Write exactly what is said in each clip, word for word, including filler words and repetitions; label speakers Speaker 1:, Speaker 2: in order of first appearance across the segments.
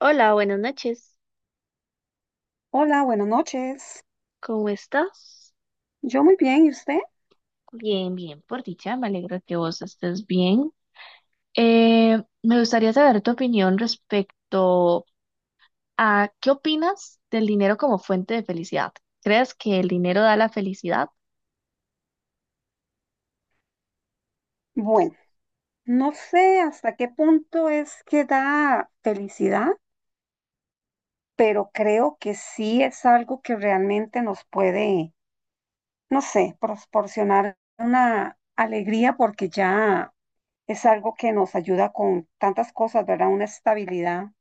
Speaker 1: Hola, buenas noches.
Speaker 2: Hola, buenas noches.
Speaker 1: ¿Cómo estás?
Speaker 2: Yo muy bien, ¿y usted?
Speaker 1: Bien, bien, por dicha, me alegra que vos estés bien. Eh, me gustaría saber tu opinión respecto a qué opinas del dinero como fuente de felicidad. ¿Crees que el dinero da la felicidad?
Speaker 2: Bueno, no sé hasta qué punto es que da felicidad, pero creo que sí es algo que realmente nos puede, no sé, proporcionar una alegría porque ya es algo que nos ayuda con tantas cosas, ¿verdad? Una estabilidad.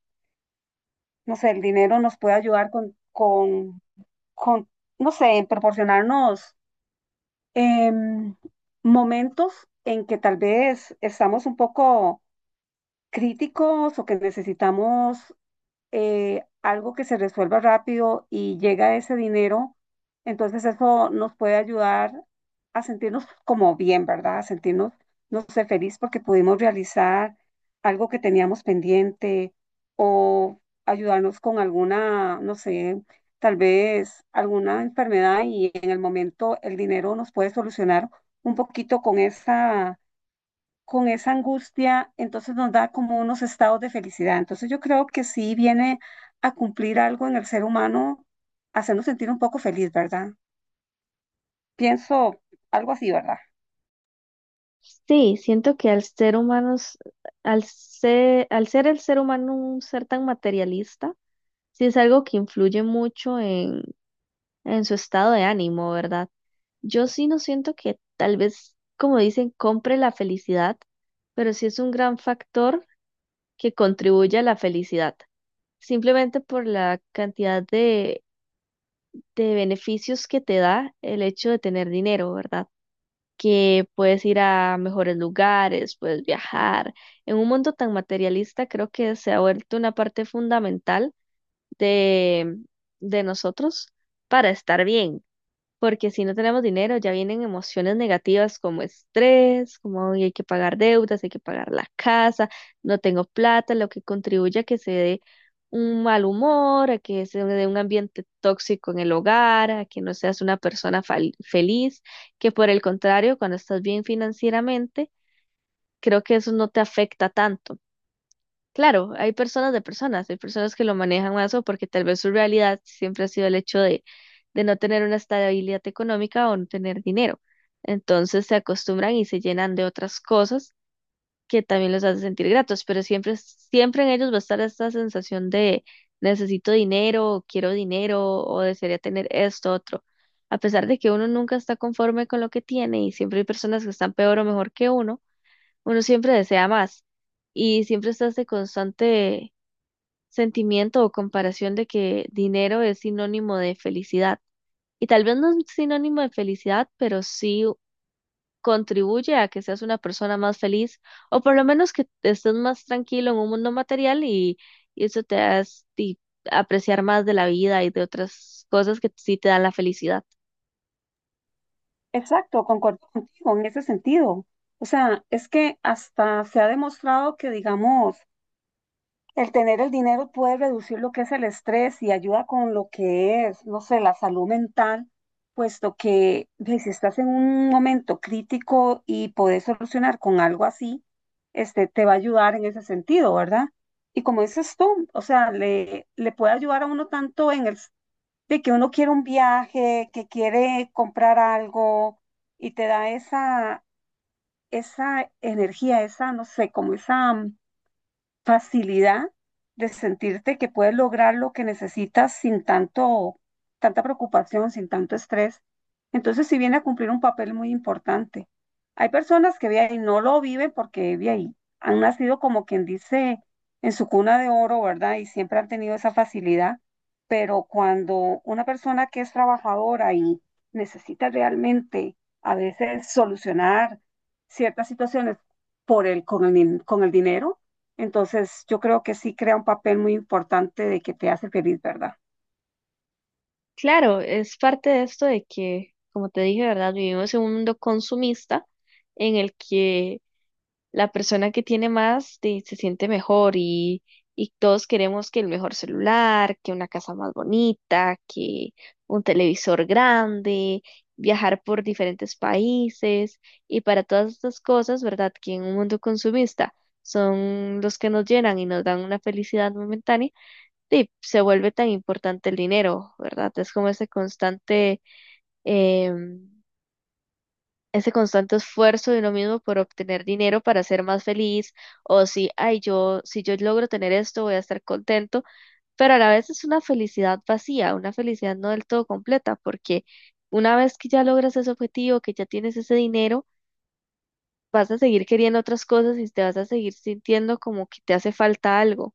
Speaker 2: No sé, el dinero nos puede ayudar con, con, con no sé, en proporcionarnos em, momentos en que tal vez estamos un poco críticos o que necesitamos eh, algo que se resuelva rápido y llega ese dinero, entonces eso nos puede ayudar a sentirnos como bien, ¿verdad? A sentirnos, no sé, feliz porque pudimos realizar algo que teníamos pendiente o ayudarnos con alguna, no sé, tal vez alguna enfermedad y en el momento el dinero nos puede solucionar un poquito con esa con esa angustia, entonces nos da como unos estados de felicidad. Entonces yo creo que sí viene a cumplir algo en el ser humano, hacernos sentir un poco feliz, ¿verdad? Pienso algo así, ¿verdad?
Speaker 1: Sí, siento que al ser humanos, al ser, al ser el ser humano un ser tan materialista, sí es algo que influye mucho en su estado de ánimo, ¿verdad? Yo sí no siento que tal vez, como dicen, compre la felicidad, pero sí es un gran factor que contribuye a la felicidad, simplemente por la cantidad de, de beneficios que te da el hecho de tener dinero, ¿verdad? Que puedes ir a mejores lugares, puedes viajar. En un mundo tan materialista, creo que se ha vuelto una parte fundamental de, de nosotros para estar bien porque si no tenemos dinero ya vienen emociones negativas como estrés, como "Ay, hay que pagar deudas, hay que pagar la casa, no tengo plata", lo que contribuye a que se dé un mal humor, a que se dé un ambiente tóxico en el hogar, a que no seas una persona fal- feliz, que por el contrario, cuando estás bien financieramente, creo que eso no te afecta tanto. Claro, hay personas de personas, hay personas que lo manejan más o porque tal vez su realidad siempre ha sido el hecho de, de no tener una estabilidad económica o no tener dinero. Entonces se acostumbran y se llenan de otras cosas que también los hace sentir gratos, pero siempre, siempre en ellos va a estar esta sensación de necesito dinero, o quiero dinero o desearía tener esto, otro. A pesar de que uno nunca está conforme con lo que tiene y siempre hay personas que están peor o mejor que uno, uno siempre desea más y siempre está este constante sentimiento o comparación de que dinero es sinónimo de felicidad. Y tal vez no es sinónimo de felicidad, pero sí contribuye a que seas una persona más feliz o por lo menos que estés más tranquilo en un mundo material y, y eso te hace ti- apreciar más de la vida y de otras cosas que sí te dan la felicidad.
Speaker 2: Exacto, concuerdo contigo en ese sentido. O sea, es que hasta se ha demostrado que, digamos, el tener el dinero puede reducir lo que es el estrés y ayuda con lo que es, no sé, la salud mental, puesto que ve, si estás en un momento crítico y podés solucionar con algo así, este, te va a ayudar en ese sentido, ¿verdad? Y como dices tú, o sea, le, le puede ayudar a uno tanto en el s- de que uno quiere un viaje, que quiere comprar algo y te da esa, esa energía, esa, no sé, como esa facilidad de sentirte que puedes lograr lo que necesitas sin tanto, tanta preocupación, sin tanto estrés. Entonces, sí viene a cumplir un papel muy importante. Hay personas que ve ahí, no lo viven porque ve ahí, han nacido como quien dice en su cuna de oro, ¿verdad? Y siempre han tenido esa facilidad, pero cuando una persona que es trabajadora y necesita realmente a veces solucionar ciertas situaciones por el, con el, din- con el dinero, entonces, yo creo que sí crea un papel muy importante de que te hace feliz, ¿verdad?
Speaker 1: Claro, es parte de esto de que, como te dije, ¿verdad? Vivimos en un mundo consumista en el que la persona que tiene más de- se siente mejor y, y todos queremos que el mejor celular, que una casa más bonita, que un televisor grande, viajar por diferentes países y para todas estas cosas, ¿verdad? Que en un mundo consumista son los que nos llenan y nos dan una felicidad momentánea, y se vuelve tan importante el dinero, ¿verdad? Es como ese constante... em, ese constante esfuerzo de uno mismo por obtener dinero para ser más feliz, o si, ay, yo, si yo logro tener esto, voy a estar contento, pero a la vez es una felicidad vacía, una felicidad no del todo completa, porque una vez que ya logras ese objetivo, que ya tienes ese dinero, vas a seguir queriendo otras cosas y te vas a seguir sintiendo como que te hace falta algo.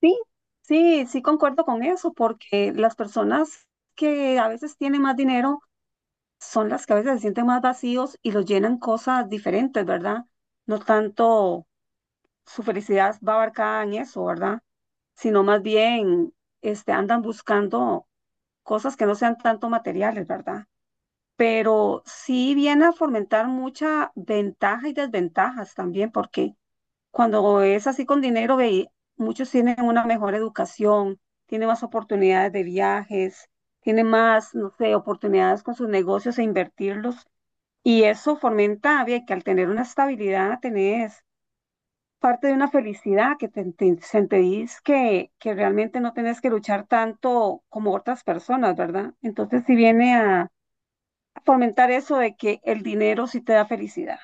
Speaker 2: Sí, sí, sí concuerdo con eso, porque las personas que a veces tienen más dinero son las que a veces se sienten más vacíos y los llenan cosas diferentes, ¿verdad? No tanto su felicidad va abarcada en eso, ¿verdad? Sino más bien este, andan buscando cosas que no sean tanto materiales, ¿verdad? Pero sí viene a fomentar mucha ventaja y desventajas también, porque cuando es así con dinero, ve, muchos tienen una mejor educación, tienen más oportunidades de viajes, tienen más, no sé, oportunidades con sus negocios e invertirlos, y eso fomenta, ve, que al tener una estabilidad tenés parte de una felicidad que te, te sentís que, que realmente no tenés que luchar tanto como otras personas, ¿verdad? Entonces, si viene a fomentar eso de que el dinero sí te da felicidad.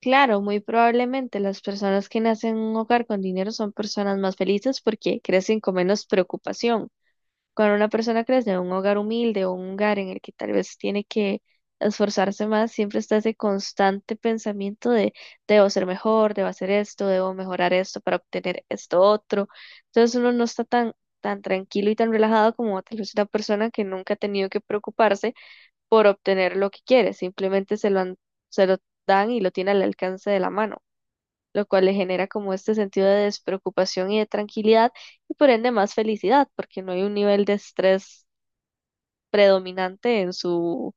Speaker 1: Claro, muy probablemente las personas que nacen en un hogar con dinero son personas más felices porque crecen con menos preocupación. Cuando una persona crece en un hogar humilde o un hogar en el que tal vez tiene que esforzarse más, siempre está ese constante pensamiento de debo ser mejor, debo hacer esto, debo mejorar esto para obtener esto otro. Entonces uno no está tan, tan tranquilo y tan relajado como tal vez una persona que nunca ha tenido que preocuparse por obtener lo que quiere, simplemente se lo han- se lo dan y lo tiene al alcance de la mano, lo cual le genera como este sentido de despreocupación y de tranquilidad y por ende más felicidad, porque no hay un nivel de estrés predominante en su,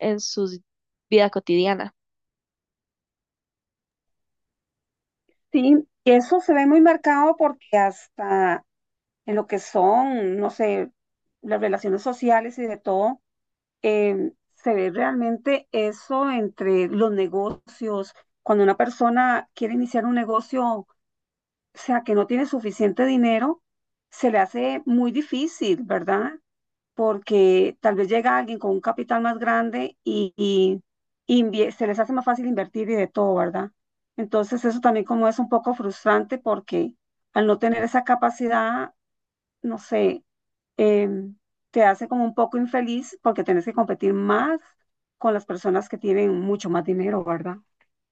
Speaker 1: en su vida cotidiana.
Speaker 2: Sí, eso se ve muy marcado porque hasta en lo que son, no sé, las relaciones sociales y de todo, eh, se ve realmente eso entre los negocios. Cuando una persona quiere iniciar un negocio, o sea, que no tiene suficiente dinero, se le hace muy difícil, ¿verdad? Porque tal vez llega alguien con un capital más grande y, y invie- se les hace más fácil invertir y de todo, ¿verdad? Entonces eso también como es un poco frustrante porque al no tener esa capacidad, no sé, em, te hace como un poco infeliz porque tienes que competir más con las personas que tienen mucho más dinero, ¿verdad?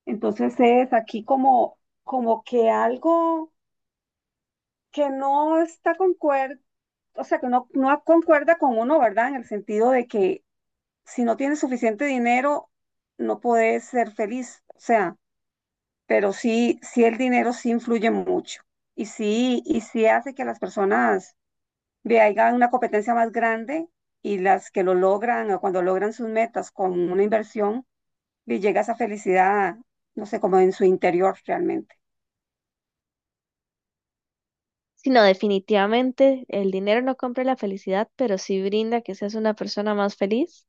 Speaker 2: Entonces es aquí como, como que algo que no está concuer, o sea, que no, no concuerda con uno, ¿verdad? En el sentido de que si no tienes suficiente dinero, no puedes ser feliz. O sea, pero sí, sí el dinero sí influye mucho y sí, y sí hace que las personas vean una competencia más grande y las que lo logran o cuando logran sus metas con una inversión, y llega esa felicidad, no sé, como en su interior realmente.
Speaker 1: Sino definitivamente el dinero no compra la felicidad, pero sí brinda que seas una persona más feliz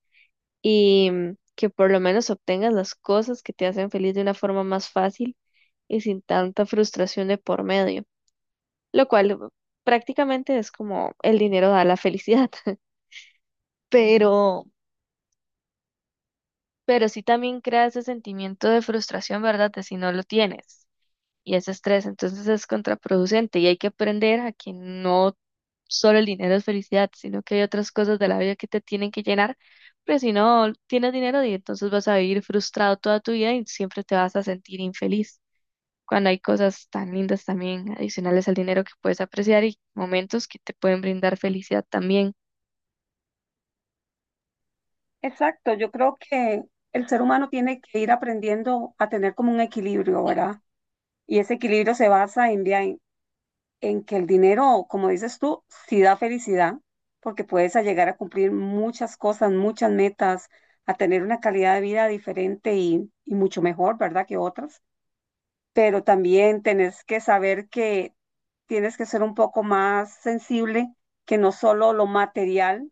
Speaker 1: y mm, que por lo menos obtengas las cosas que te hacen feliz de una forma más fácil y sin tanta frustración de por medio, lo cual uh, prácticamente es como el dinero da la felicidad, pero, pero sí también crea ese sentimiento de frustración, ¿verdad? De si no lo tienes. Y ese estrés. Entonces es contraproducente y hay que aprender a que no solo el dinero es felicidad, sino que hay otras cosas de la vida que te tienen que llenar, pero si no tienes dinero y entonces vas a vivir frustrado toda tu vida y siempre te vas a sentir infeliz. Cuando hay cosas tan lindas también adicionales al dinero que puedes apreciar y momentos que te pueden brindar felicidad también.
Speaker 2: Exacto, yo creo que el ser humano tiene que ir aprendiendo a tener como un equilibrio, ¿verdad? Y ese equilibrio se basa en, vea, en que el dinero, como dices tú, sí da felicidad, porque puedes a llegar a cumplir muchas cosas, muchas metas, a tener una calidad de vida diferente y, y mucho mejor, ¿verdad? Que otras. Pero también tenés que saber que tienes que ser un poco más sensible, que no solo lo material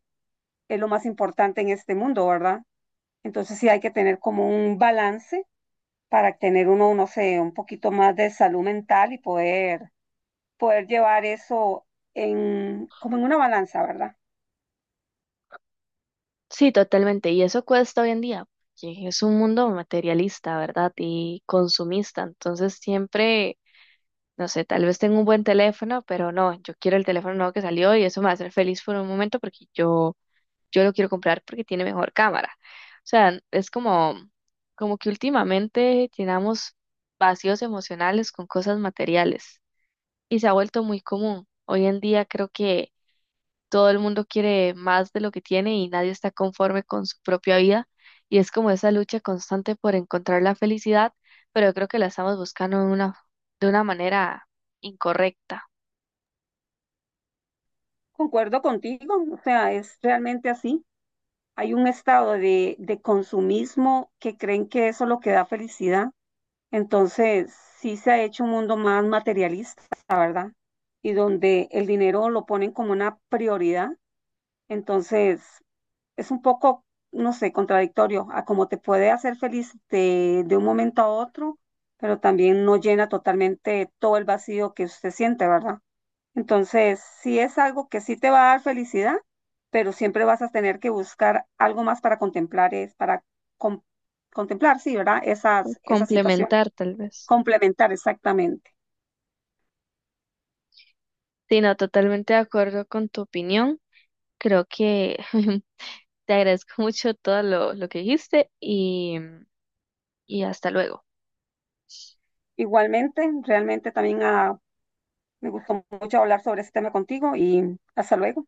Speaker 2: es lo más importante en este mundo, ¿verdad? Entonces sí hay que tener como un balance para tener uno, no sé, un poquito más de salud mental y poder poder llevar eso en, como en una balanza, ¿verdad?
Speaker 1: Sí, totalmente. Y eso cuesta hoy en día, porque es un mundo materialista, ¿verdad? Y consumista. Entonces siempre... No sé, tal vez tengo un buen teléfono, pero no, yo quiero el teléfono nuevo que salió y eso me va a hacer feliz por un momento porque yo, yo lo quiero comprar porque tiene mejor cámara. O sea, es como, como que últimamente llenamos vacíos emocionales con cosas materiales y se ha vuelto muy común. Hoy en día creo que todo el mundo quiere más de lo que tiene y nadie está conforme con su propia vida. Y es como esa lucha constante por encontrar la felicidad, pero yo creo que la estamos buscando de una, de una manera incorrecta.
Speaker 2: Concuerdo contigo, o sea, es realmente así. Hay un estado de, de consumismo que creen que eso es lo que da felicidad. Entonces, sí se ha hecho un mundo más materialista, ¿verdad? Y donde el dinero lo ponen como una prioridad. Entonces, es un poco, no sé, contradictorio a cómo te puede hacer feliz de, de un momento a otro, pero también no llena totalmente todo el vacío que usted siente, ¿verdad? Entonces, sí es algo que sí te va a dar felicidad, pero siempre vas a tener que buscar algo más para contemplar, es para con- contemplar, sí, ¿verdad? Esas, esa situación,
Speaker 1: Complementar, tal vez.
Speaker 2: complementar exactamente.
Speaker 1: Sí, no, totalmente de acuerdo con tu opinión. Creo que te agradezco mucho todo lo, lo que dijiste y, y hasta luego.
Speaker 2: Igualmente, realmente también ah, me gustó mucho hablar sobre este tema contigo y hasta luego.